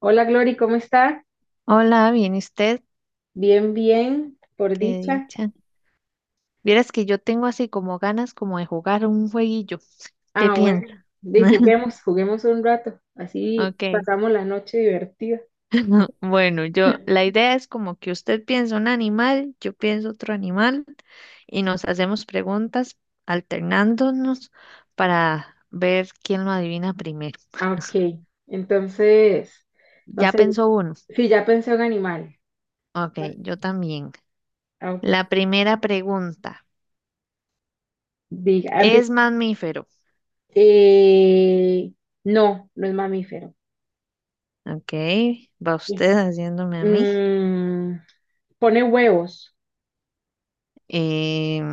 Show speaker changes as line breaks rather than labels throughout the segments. Hola Glory, ¿cómo está?
Hola, bien, ¿y usted?
Bien, bien, por
Qué
dicha.
dicha. Vieras que yo tengo así como ganas como de jugar un jueguillo. ¿Qué
Ah,
piensa?
bueno, de juguemos, juguemos un rato, así
Ok.
pasamos la noche divertida.
Bueno, yo, la idea es como que usted piensa un animal, yo pienso otro animal y nos hacemos preguntas alternándonos para ver quién lo adivina primero.
Ah, ok, entonces, no
Ya
sé,
pensó uno.
si ya pensé un animal.
Ok, yo también.
Ah, ok.
La primera pregunta,
Diga,
¿es mamífero?
eh, no, no es mamífero.
Ok, va usted haciéndome a mí.
Mm, pone huevos.
Em,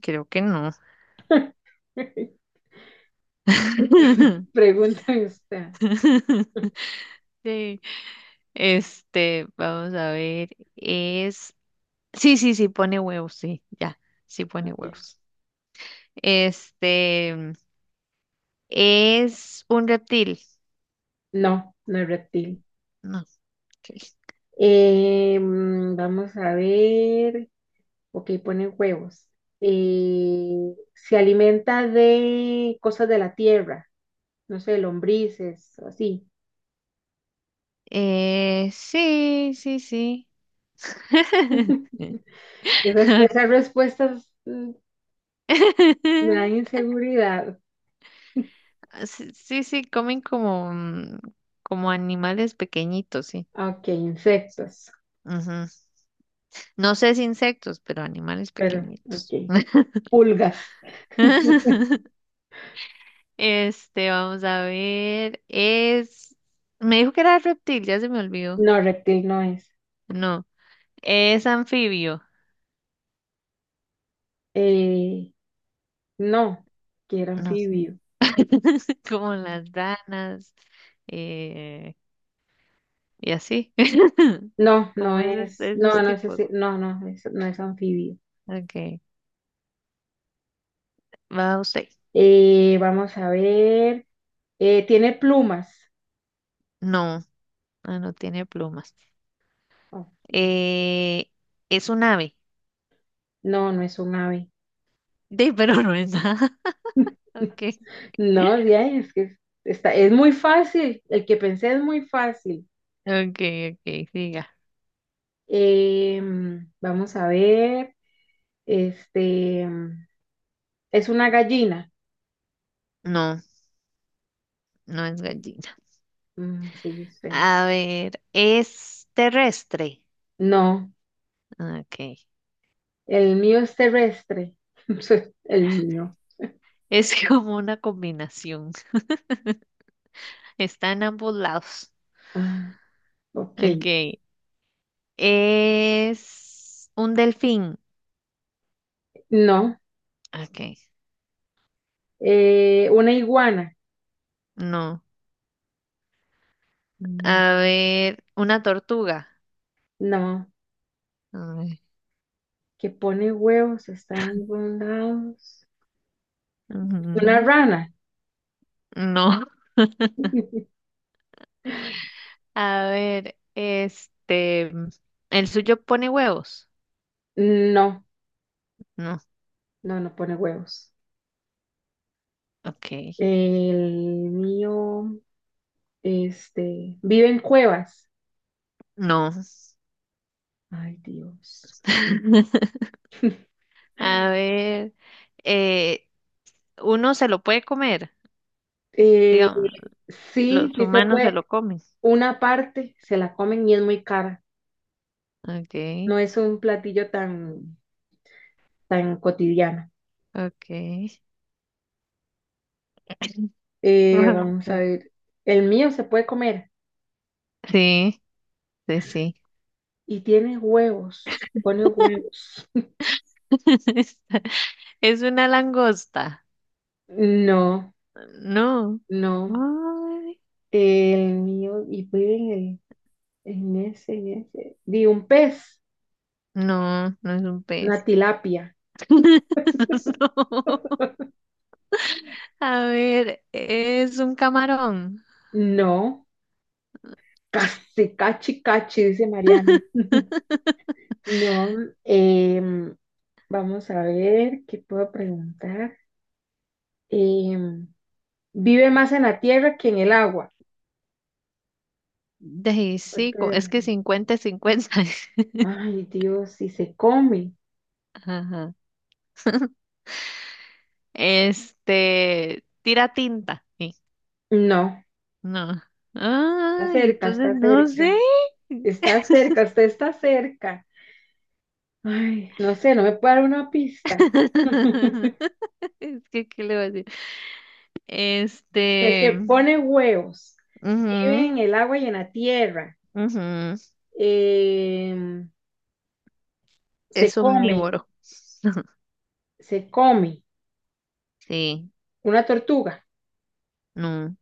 Creo que no.
Pregunta usted.
Sí. Este, vamos a ver, es... Sí, sí, sí, pone huevos, sí, ya, sí pone
Ok.
huevos. Este, es un reptil.
No, no es reptil.
No, ok.
Vamos a ver. Ok, pone huevos. Se alimenta de cosas de la tierra, no sé, lombrices, así.
Sí, sí, sí.
Esas, esas respuestas me dan inseguridad.
Sí, sí, sí, comen como, como animales pequeñitos, sí.
Ok, insectos,
No sé si insectos, pero animales
pero
pequeñitos.
ok. Pulgas.
Este, vamos a ver. Es. Me dijo que era reptil, ya se me olvidó.
No, reptil no es.
No, es anfibio.
Eh, no, que era
No,
anfibio.
como las ranas, eh, y así.
No, no
Como esos,
es, no,
esos
no es
tipos.
así, no, no, no es anfibio.
Ok, va usted.
Vamos a ver. Tiene plumas.
No, ah, no tiene plumas.
Oh,
Eh, es un ave.
no, no es un ave.
De, pero no es nada. Ok,
No, ya es que está, es muy fácil. El que pensé es muy fácil.
ok, ok, siga.
Vamos a ver. Este em, es una gallina.
No, no es gallina.
Mm, sí, espera.
A ver, ¿es terrestre?
No,
Ah, ok.
el mío es terrestre. El mío.
Es como una combinación. Está en ambos lados.
Ah, ok.
Ok. Es un delfín.
No.
Ok.
Una iguana.
No.
Mm,
A ver, una tortuga.
no.
A ver,
Que pone huevos, está en algún lado. Una
ujú,
rana.
no. A ver, este, ¿el suyo pone huevos?
No,
No.
no, no pone huevos.
Ok.
El mío, este, vive en cuevas.
No.
Ay, Dios.
A ver, eh, ¿uno se lo puede comer?
Eh,
Digamos.
sí,
Los
sí se
humanos se
puede.
lo comen.
Una parte se la comen y es muy cara. No
Okay,
es un platillo tan, tan cotidiano.
okay.
Vamos a ver. El mío se puede comer
Sí, sí, sí, sí.
y tiene huevos. Pone huevos.
Es una langosta.
No.
No.
No,
Ay,
el mío, y vive en el, en ese, en ese. Di un pez,
no, no es un
una
pez.
tilapia.
No. A ver, es un camarón.
No, casi, cachi, cachi, dice Mariana. No, em, vamos a ver qué puedo preguntar. Em, vive más en la tierra que en el agua.
De sí,
Este,
es que cincuenta, cincuenta.
ay, Dios, si se come.
Ajá. Este, tira tinta. Sí,
No,
no.
está
Ay,
cerca,
entonces
está
no sé.
cerca. Está cerca, usted está cerca. Ay, no sé, no me puede dar una pista.
Es que, ¿qué le voy a decir? Este,
Es que pone huevos, vive
ujú,
en el agua y en la tierra,
ujú,
eh, se
es
come,
omnívoro.
se come
Sí,
una tortuga.
no.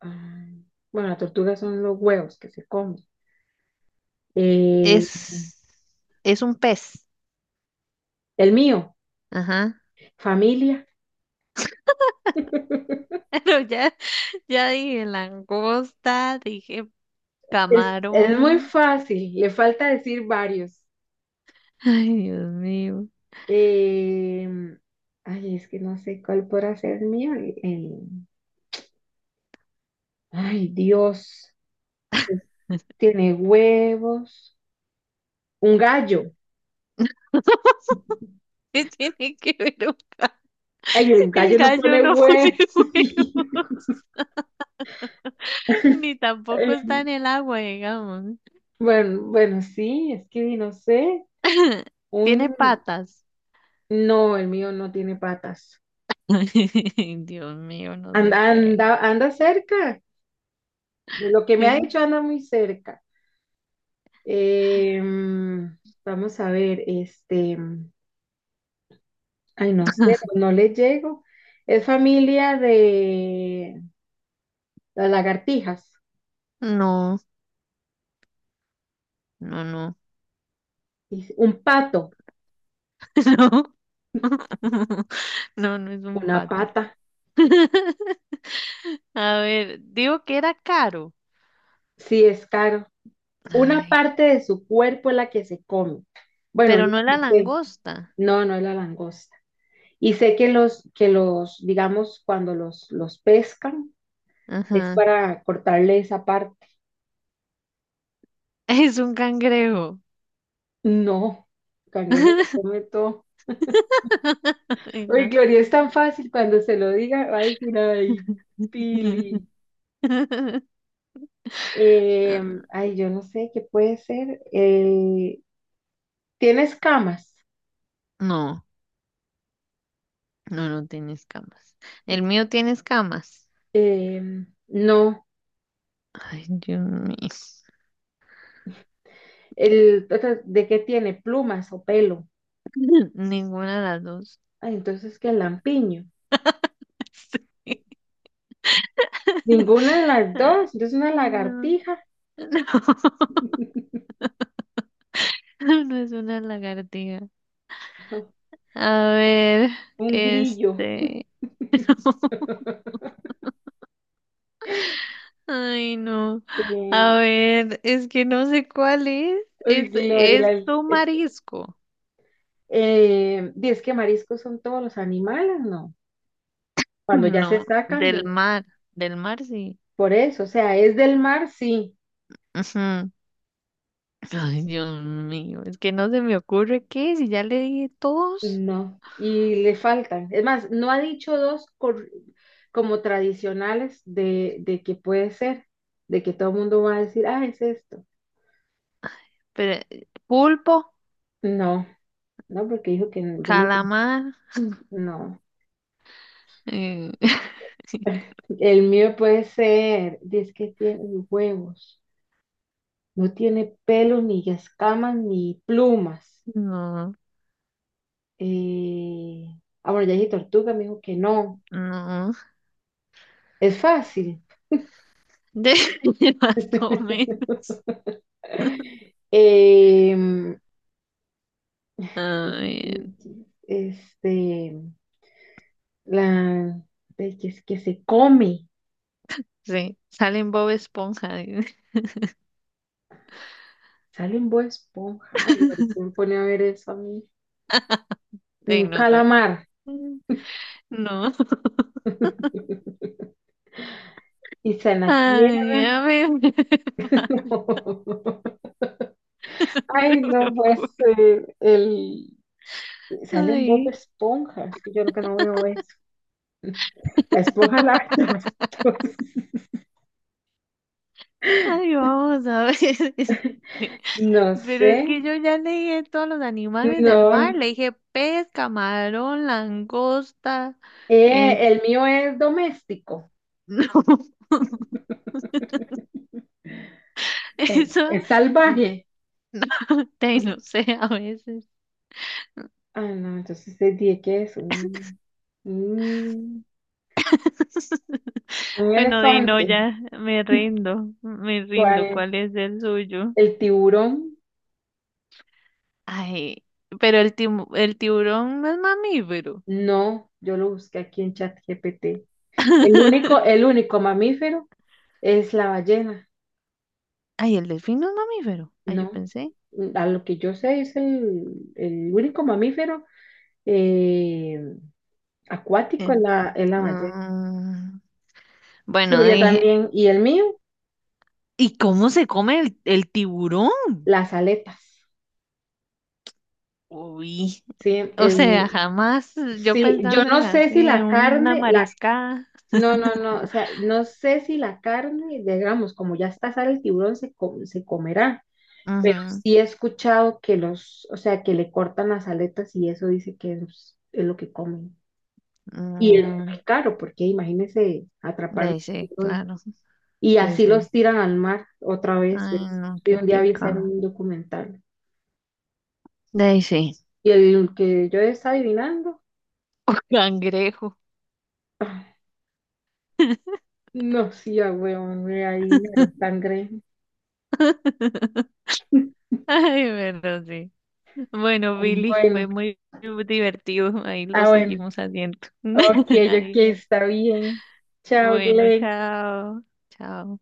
Ah, bueno, las tortugas son los huevos que se comen. Eh,
Es, es un pez.
el mío,
Ajá.
familia.
Pero ya, ya dije langosta, dije
Es muy
camarón.
fácil, le falta decir varios.
Ay, Dios mío.
Eh, ay, es que no sé cuál podrá ser mío. Ay, Dios. Sí. Tiene huevos, un gallo.
¿Qué tiene que ver un
Ay, el
el
gallo no
gallo
pone
no pone
huevos.
huevos? Ni tampoco
Eh,
está en el agua, digamos.
bueno, bueno, sí, es que no sé.
Tiene
Un
patas.
No, el mío no tiene patas.
Dios mío, no sé
Anda,
qué
anda, anda cerca. De lo que me ha
es.
dicho, anda muy cerca. Eh, mm, vamos a ver, este, ay, no sé, no le llego. Es familia de las lagartijas.
No, no, no,
Dice, un pato,
no. No, no es un
una
pato.
pata.
A ver, digo que era caro.
Sí, es caro. Una
Ay,
parte de su cuerpo es la que se come. Bueno,
pero
yo
no era
que sé.
langosta.
No, no es la langosta. Y sé que los, digamos, cuando los pescan, es
Ajá.
para cortarle esa parte.
Es un cangrejo.
No, el cangrejo se come todo.
Ay,
Uy,
no.
Gloria, es tan fácil cuando se lo diga, va a decir, ay, Pili. Eh, ay, yo no sé qué puede ser. ¿Tiene escamas?
No, no, no tiene escamas. El mío tiene escamas.
Eh, no.
Ay, Dios mío.
El, otra, ¿de qué tiene? ¿Plumas o pelo?
Ninguna de las dos.
Ay, entonces, ¿qué lampiño?
Sí.
Ninguna de las dos. Entonces, una
No,
lagartija,
no, no es una lagartija. A ver,
un grillo.
este. Ay, no.
Eh,
A ver, es que no sé cuál es.
uy, Gloria,
Es un
es,
marisco.
y es que mariscos son todos los animales, ¿no? Cuando ya se
No,
sacan
del
de-
mar. Del mar, sí.
Por eso, o sea, es del mar, sí,
Ujú. Ay, Dios mío, es que no se me ocurre qué si ya le dije todos.
no, y le faltan. Es más, no ha dicho dos cor- como tradicionales de que puede ser, de que todo el mundo va a decir, ah, es esto.
Pero, pulpo,
No, no, porque dijo que yo le
calamar.
no,
eh,
el mío puede ser, es que tiene huevos, no tiene pelos, ni escamas, ni plumas.
no,
Eh, ah, bueno, ya dije tortuga, me dijo que no.
no.
Es fácil.
De más o menos.
Em,
A ver,
este, la de que, es que se come,
sí, salen Bob Esponja.
sale en Bob Esponja. Ay, ahorita me pone a ver eso a mí. Y
Sí,
un
no sé.
calamar.
Mm, no.
Y está en la
Ay,
tierra.
a ver. Vale,
Ay,
no se me
no, pues
ocurre.
el... Salen Bob
Ay.
Esponjas, que yo lo que no veo es la esponja lava trastos.
Ay, vamos a ver. Este.
No
Pero
sé,
es que yo ya leí dije todos los animales del
no.
mar. Le dije pez, camarón, langosta. Es
El mío es doméstico,
no. Eso.
es salvaje.
No, no sé, a veces.
Ah, no, entonces te dije que es un, un
Bueno, Dino,
elefante.
ya me rindo, me rindo.
¿Cuál?
¿Cuál es el suyo?
El tiburón.
Ay, pero el, el tiburón no es mamífero.
No, yo lo busqué aquí en ChatGPT. El único mamífero es la ballena.
Ay, el delfín no es mamífero. Ay, yo
No,
pensé.
a lo que yo sé es el único mamífero eh, acuático
eh,
en la ballena.
mm,
Sí, pero
bueno,
yo
dije,
también. Y el mío,
¿y cómo se come el tiburón?
las aletas.
Uy,
Sí,
o sea,
el,
jamás yo
sí, yo
pensando
no
en
sé
así,
si
en
la
una
carne, la,
mariscada.
no, no, no, o sea, no sé si la carne, digamos, como ya está sale el tiburón, se comerá. Pero
Ujú,
sí he escuchado que los, o sea, que le cortan las aletas y eso dice que es lo que comen. Y es
mm,
muy caro, porque imagínense
de
atrapar
ahí
un
sí,
tiburón.
claro.
Y
Sí,
así
sí.
los tiran al mar otra vez.
Ay, no,
Y
qué
un día vi esa en
pecado.
un documental.
De ahí sí.
Y el que yo estaba adivinando,
Cangrejo.
ah, no, sí, ah, weón, me adivinaron sangre.
Ay, pero sí. Bueno, Billy, fue
Bueno,
muy divertido. Ahí lo
ah, bueno,
seguimos haciendo.
ok, ok,
Ay,
está bien. Chao,
bueno,
Glenn.
chao. Chao.